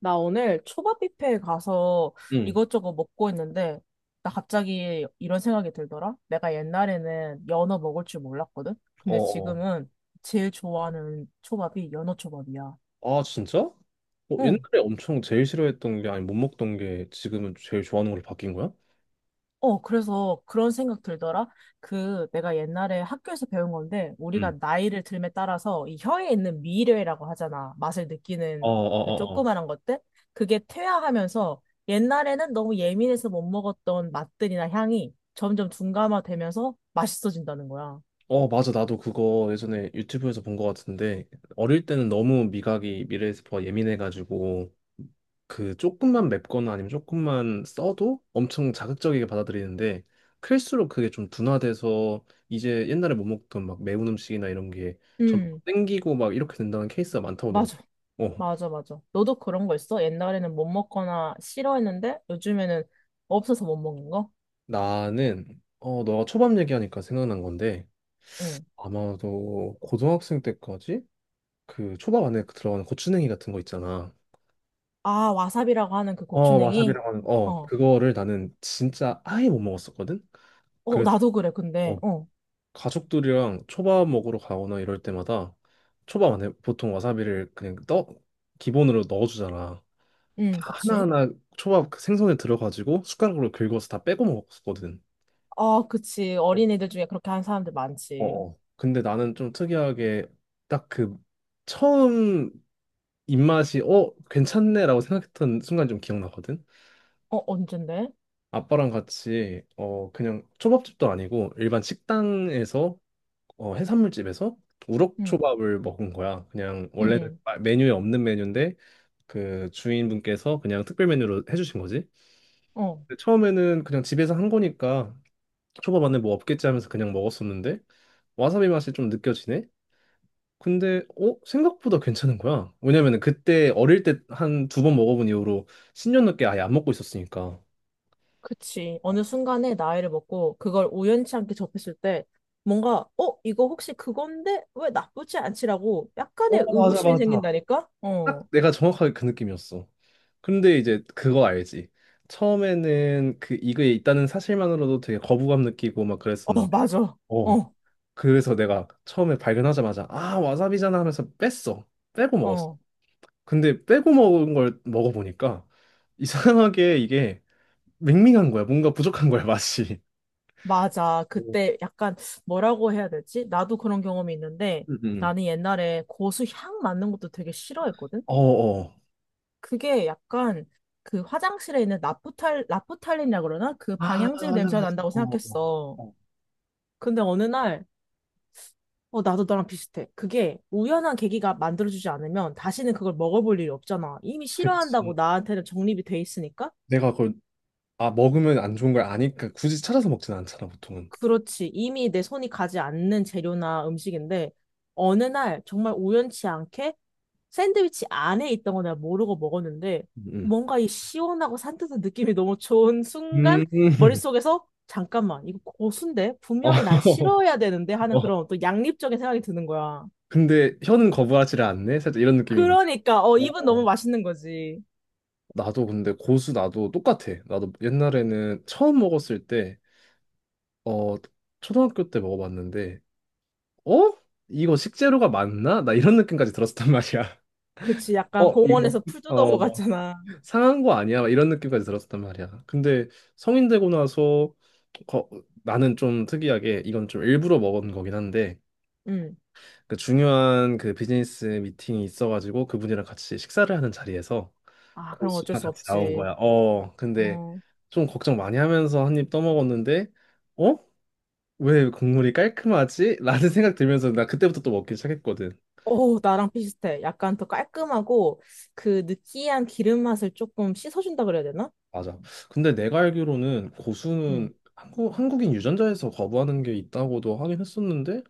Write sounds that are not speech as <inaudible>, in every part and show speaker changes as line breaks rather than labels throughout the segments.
나 오늘 초밥 뷔페에 가서
응.
이것저것 먹고 있는데, 나 갑자기 이런 생각이 들더라? 내가 옛날에는 연어 먹을 줄 몰랐거든?
어,
근데
어.
지금은 제일 좋아하는 초밥이 연어 초밥이야.
아, 진짜? 어,
응.
옛날에 엄청 제일 싫어했던 게 아니 못 먹던 게 지금은 제일 좋아하는 걸로 바뀐 거야?
어, 그래서 그런 생각 들더라. 내가 옛날에 학교에서 배운 건데 우리가
응.
나이를 들에 따라서 이 혀에 있는 미뢰라고 하잖아. 맛을
어,
느끼는
어, 어, 어.
조그만한 것들. 그게 퇴화하면서 옛날에는 너무 예민해서 못 먹었던 맛들이나 향이 점점 둔감화되면서 맛있어진다는 거야.
어, 맞아. 나도 그거 예전에 유튜브에서 본 것 같은데 어릴 때는 너무 미각이 미레스퍼 예민해가지고 그 조금만 맵거나 아니면 조금만 써도 엄청 자극적이게 받아들이는데 클수록 그게 좀 둔화돼서 이제 옛날에 못 먹던 막 매운 음식이나 이런 게 점점
음,
땡기고 막 이렇게 된다는 케이스가 많다고 들었어.
맞아.
어.
맞아, 맞아. 너도 그런 거 있어? 옛날에는 못 먹거나 싫어했는데 요즘에는 없어서 못 먹는 거?
나는 너가 초밥 얘기하니까 생각난 건데
응.
아마도 고등학생 때까지 그 초밥 안에 그 들어가는 고추냉이 같은 거 있잖아.
아, 와사비라고 하는 그
어
고추냉이?
와사비라고 하는
어.
그거를 나는 진짜 아예 못 먹었었거든.
어,
그래서
나도 그래, 근데.
어
어.
가족들이랑 초밥 먹으러 가거나 이럴 때마다 초밥 안에 보통 와사비를 그냥 떠 기본으로 넣어주잖아.
응,
다
그치.
하나하나 초밥 그 생선에 들어가지고 숟가락으로 긁어서 다 빼고 먹었거든.
아, 그치. 어린이들 중에 그렇게 하는 사람들
어,
많지.
어. 근데 나는 좀 특이하게 딱 그 처음 입맛이 괜찮네라고 생각했던 순간 좀 기억나거든.
어, 언젠데?
아빠랑 같이 그냥 초밥집도 아니고 일반 식당에서 해산물집에서
응,
우럭초밥을 먹은 거야. 그냥 원래는
응,
메뉴에 없는 메뉴인데 그 주인분께서 그냥 특별 메뉴로 해주신 거지.
어.
근데 처음에는 그냥 집에서 한 거니까 초밥 안에 뭐 없겠지 하면서 그냥 먹었었는데 와사비 맛이 좀 느껴지네. 근데 생각보다 괜찮은 거야. 왜냐면은 그때 어릴 때 한 두 번 먹어본 이후로 10년 넘게 아예 안 먹고 있었으니까.
그치. 어느 순간에 나이를 먹고 그걸 우연치 않게 접했을 때 뭔가, 어, 이거 혹시 그건데? 왜 나쁘지 않지라고
어,
약간의
맞아,
의구심이
맞아.
생긴다니까? 어,
딱 내가 정확하게 그 느낌이었어. 근데 이제 그거 알지? 처음에는 그 이거에 있다는 사실만으로도 되게 거부감 느끼고 막
어,
그랬었는데,
맞아.
어,
어,
그래서 내가 처음에 발견하자마자 아 와사비잖아 하면서 뺐어. 빼고 먹었어.
어,
근데 빼고 먹은 걸 먹어보니까 이상하게 이게 밍밍한 거야. 뭔가 부족한 거야 맛이.
맞아. 그때 약간 뭐라고 해야 되지? 나도 그런 경험이 있는데
음.
나는 옛날에 고수 향 맡는 것도 되게 싫어했거든?
어어.
그게 약간 화장실에 있는 나프탈린이라 그러나? 그
아,
방향제 냄새가
어,
난다고
어.
생각했어.
어,
근데 어느 날, 어, 나도 너랑 비슷해. 그게 우연한 계기가 만들어주지 않으면 다시는 그걸 먹어볼 일이 없잖아. 이미 싫어한다고
그치.
나한테는 정립이 돼 있으니까.
내가 그걸, 아, 먹으면 안 좋은 걸 아니까 굳이 찾아서 먹진 않잖아, 보통은.
그렇지. 이미 내 손이 가지 않는 재료나 음식인데, 어느 날 정말 우연치 않게 샌드위치 안에 있던 거 내가 모르고 먹었는데,
음.
뭔가 이 시원하고 산뜻한 느낌이 너무 좋은 순간,
음. 음.
머릿속에서, 잠깐만, 이거 고수인데?
어.
분명히 난 싫어야 되는데?
<laughs>
하는
어.
그런 또 양립적인 생각이 드는 거야.
근데 혀는 거부하지를 않네? 살짝 이런 느낌인
그러니까, 어,
거.
입은 너무
어.
맛있는 거지.
나도 근데 고수 나도 똑같아. 나도 옛날에는 처음 먹었을 때, 어, 초등학교 때 먹어봤는데, 어? 이거 식재료가 맞나? 나 이런 느낌까지 들었었단 말이야.
그치,
<laughs>
약간
어, 이거,
공원에서 풀 뜯어
어.
먹었잖아.
상한 거 아니야? 막 이런 느낌까지 들었단 말이야. 근데 성인 되고 나서 거- 나는 좀 특이하게 이건 좀 일부러 먹은 거긴 한데
응.
그 중요한 그 비즈니스 미팅이 있어가지고 그분이랑 같이 식사를 하는 자리에서
아, 그런 거 어쩔
고수가
수
같이 나온
없지.
거야. 어, 근데
음.
좀 걱정 많이 하면서 한 입 떠먹었는데 어? 왜 국물이 깔끔하지? 라는 생각 들면서 나 그때부터 또 먹기 시작했거든.
오, 나랑 비슷해. 약간 더 깔끔하고 그 느끼한 기름 맛을 조금 씻어준다 그래야 되나?
맞아. 근데 내가 알기로는
응.
고수는 한국, 한국인 유전자에서 거부하는 게 있다고도 하긴 했었는데,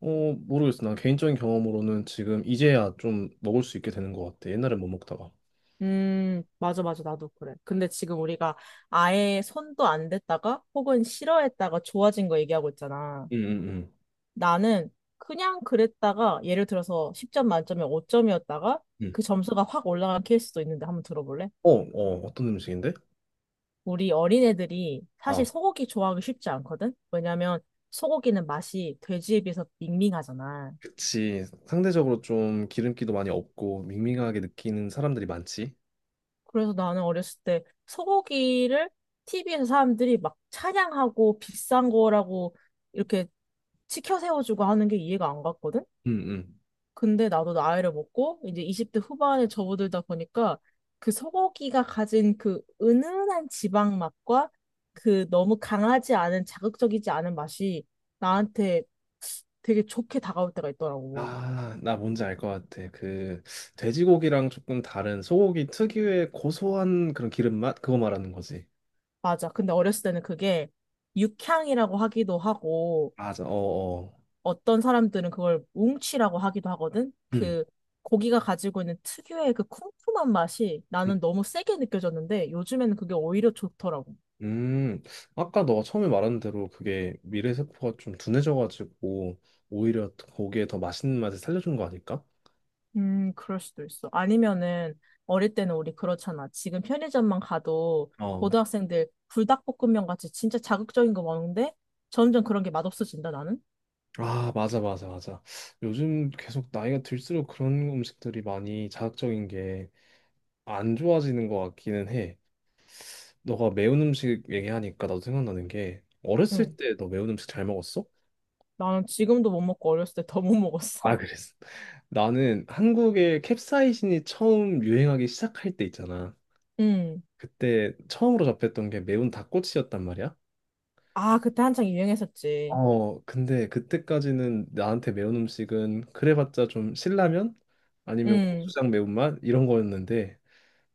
어, 모르겠어. 난 개인적인 경험으로는 지금 이제야 좀 먹을 수 있게 되는 것 같아. 옛날엔 못 먹다가.
맞아, 맞아. 나도 그래. 근데 지금 우리가 아예 손도 안 댔다가 혹은 싫어했다가 좋아진 거 얘기하고 있잖아.
응 응 응
나는 그냥 그랬다가 예를 들어서 10점 만점에 5점이었다가
응
그 점수가 확 올라간 케이스도 있는데 한번 들어볼래?
어, 어, 어떤 음식인데?
우리 어린애들이 사실
아,
소고기 좋아하기 쉽지 않거든? 왜냐면 소고기는 맛이 돼지에 비해서 밍밍하잖아.
그치. 상대적으로 좀 기름기도 많이 없고 밍밍하게 느끼는 사람들이 많지.
그래서 나는 어렸을 때 소고기를 TV에서 사람들이 막 찬양하고 비싼 거라고 이렇게 치켜 세워주고 하는 게 이해가 안 갔거든?
응응.
근데 나도 나이를 먹고 이제 20대 후반에 접어들다 보니까 그 소고기가 가진 그 은은한 지방 맛과 그 너무 강하지 않은 자극적이지 않은 맛이 나한테 되게 좋게 다가올 때가 있더라고.
아, 나 뭔지 알 것 같아. 그 돼지고기랑 조금 다른 소고기 특유의 고소한 그런 기름 맛? 그거 말하는 거지.
맞아. 근데 어렸을 때는 그게 육향이라고 하기도 하고
맞아. 어, 어.
어떤 사람들은 그걸 웅치라고 하기도 하거든.
음.
그 고기가 가지고 있는 특유의 그 쿰쿰한 맛이
음.
나는 너무 세게 느껴졌는데 요즘에는 그게 오히려 좋더라고.
음. 아까 너가 처음에 말한 대로 그게 미래세포가 좀 둔해져가지고 오히려 고기에 더 맛있는 맛을 살려준 거 아닐까?
그럴 수도 있어. 아니면은 어릴 때는 우리 그렇잖아. 지금 편의점만 가도
어.
고등학생들 불닭볶음면 같이 진짜 자극적인 거 먹는데 점점 그런 게 맛없어진다, 나는.
아, 맞아, 맞아, 맞아. 요즘 계속 나이가 들수록 그런 음식들이 많이 자극적인 게 안 좋아지는 것 같기는 해. 너가 매운 음식 얘기하니까 나도 생각나는 게 어렸을
응.
때 너 매운 음식 잘 먹었어?
나는 지금도 못 먹고 어렸을 때 더 못
아,
먹었어.
그랬어. 나는 한국에 캡사이신이 처음 유행하기 시작할 때 있잖아.
<laughs> 응.
그때 처음으로 접했던 게 매운 닭꼬치였단 말이야.
아, 그때 한창 유행했었지.
어, 근데 그때까지는 나한테 매운 음식은 그래봤자 좀 신라면 아니면
응.
고추장 매운맛 이런 거였는데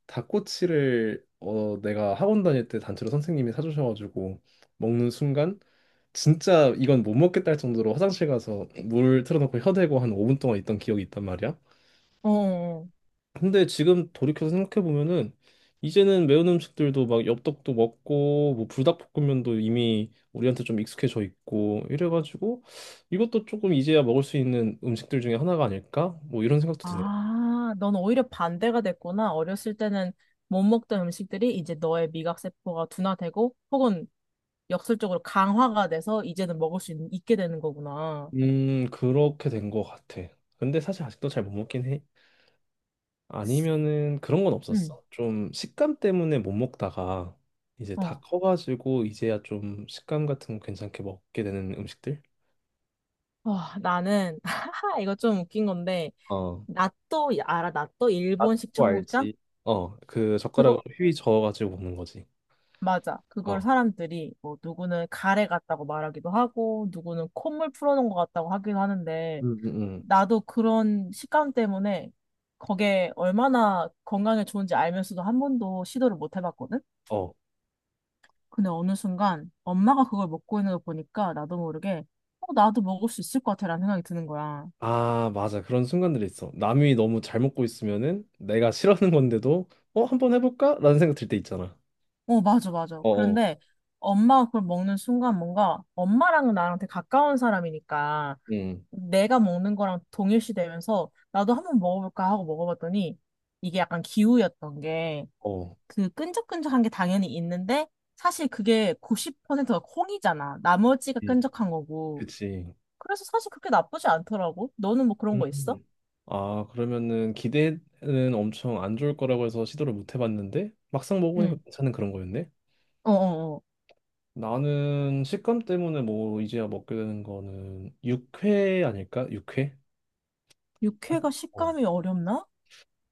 닭꼬치를 어, 내가 학원 다닐 때 단체로 선생님이 사주셔가지고 먹는 순간 진짜 이건 못 먹겠다 할 정도로 화장실 가서 물 틀어놓고 혀대고 한 5분 동안 있던 기억이 있단 말이야.
어. 어, 어.
근데 지금 돌이켜서 생각해 보면은 이제는 매운 음식들도 막 엽떡도 먹고 뭐 불닭볶음면도 이미 우리한테 좀 익숙해져 있고 이래가지고 이것도 조금 이제야 먹을 수 있는 음식들 중에 하나가 아닐까? 뭐 이런 생각도 드네.
아, 넌 오히려 반대가 됐구나. 어렸을 때는 못 먹던 음식들이 이제 너의 미각세포가 둔화되고 혹은 역설적으로 강화가 돼서 이제는 있게 되는 거구나.
그렇게 된 것 같아. 근데 사실 아직도 잘 못 먹긴 해. 아니면은 그런 건
응,
없었어. 좀 식감 때문에 못 먹다가 이제 다
어.
커가지고 이제야 좀 식감 같은 거 괜찮게 먹게 되는 음식들?
와, 나는, <laughs> 하하, 이거 좀 웃긴 건데,
어.
나또, 알아? 나또
아,
일본식
또
청국장?
알지. 어, 그 젓가락으로
그거,
휘 저어가지고 먹는 거지.
맞아. 그걸
어,
사람들이, 뭐, 누구는 가래 같다고 말하기도 하고, 누구는 콧물 풀어놓은 것 같다고 하기도 하는데,
음, 음, 음.
나도 그런 식감 때문에 그게 얼마나 건강에 좋은지 알면서도 한 번도 시도를 못 해봤거든?
어,
근데 어느 순간 엄마가 그걸 먹고 있는 걸 보니까 나도 모르게 어, 나도 먹을 수 있을 것 같아라는 생각이 드는 거야.
아, 맞아. 그런 순간들이 있어. 남이 너무 잘 먹고 있으면은 내가 싫어하는 건데도 어, 한번 해볼까? 라는 생각 들 때 있잖아.
어, 맞아, 맞아.
어, 어,
그런데 엄마가 그걸 먹는 순간 뭔가 엄마랑은 나랑 되게 가까운 사람이니까
음,
내가 먹는 거랑 동일시되면서 나도 한번 먹어볼까 하고 먹어봤더니 이게 약간 기우였던 게
어,
그 끈적끈적한 게 당연히 있는데 사실 그게 90%가 콩이잖아. 나머지가
이,
끈적한 거고.
그치.
그래서 사실 그렇게 나쁘지 않더라고. 너는 뭐 그런
음.
거 있어?
음. 아, 그러면은 기대는 엄청 안 좋을 거라고 해서 시도를 못 해봤는데 막상 먹어보니까
응,
괜찮은 그런 거였네.
어어어.
나는 식감 때문에 뭐 이제야 먹게 되는 거는 육회 아닐까? 육회? 사실
육회가
어,
식감이 어렵나?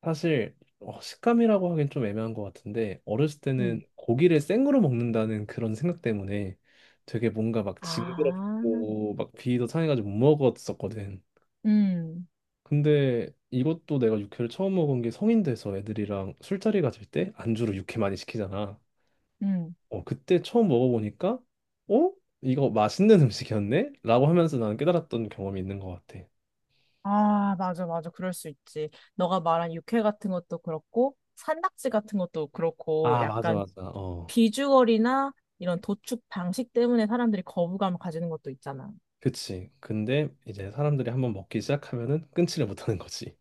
사실 식감이라고 하긴 좀 애매한 것 같은데 어렸을 때는
응.
고기를 생으로 먹는다는 그런 생각 때문에 되게 뭔가 막
아,
징그럽고 막 비위도 상해가지고 못 먹었었거든.
음,
근데 이것도 내가 육회를 처음 먹은 게 성인 돼서 애들이랑 술자리 가질 때 안주로 육회 많이 시키잖아.
음.
어, 그때 처음 먹어보니까 어? 이거 맛있는 음식이었네? 라고 하면서 나는 깨달았던 경험이 있는 것 같아.
아, 맞아, 맞아. 그럴 수 있지. 너가 말한 육회 같은 것도 그렇고, 산낙지 같은 것도 그렇고,
아, 맞아,
약간
맞아. 어.
비주얼이나 이런 도축 방식 때문에 사람들이 거부감을 가지는 것도 있잖아.
그치. 근데 이제 사람들이 한번 먹기 시작하면은 끊지를 못하는 거지.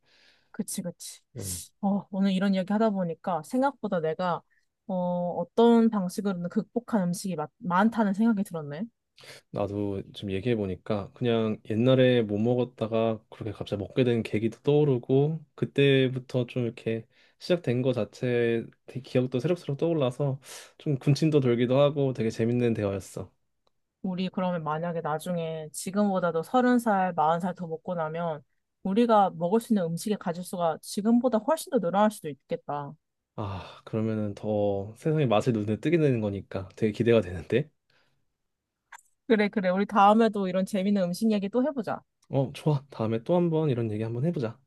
그치, 그치.
음.
어, 오늘 이런 이야기 하다 보니까 생각보다 내가 어, 어떤 방식으로든 극복한 음식이 많다는 생각이 들었네.
나도 좀 얘기해 보니까 그냥 옛날에 못 먹었다가 그렇게 갑자기 먹게 된 계기도 떠오르고 그때부터 좀 이렇게 시작된 거 자체 되게 기억도 새록새록 떠올라서 좀 군침도 돌기도 하고 되게 재밌는 대화였어.
우리 그러면 만약에 나중에 지금보다도 서른 살, 마흔 살 더 먹고 나면 우리가 먹을 수 있는 음식의 가짓수가 지금보다 훨씬 더 늘어날 수도 있겠다.
아, 그러면은 더 세상의 맛을 눈에 뜨게 되는 거니까 되게 기대가 되는데.
그래, 그래. 우리 다음에도 이런 재밌는 음식 이야기 또 해보자.
어, 좋아. 다음에 또 한번 이런 얘기 한번 해보자.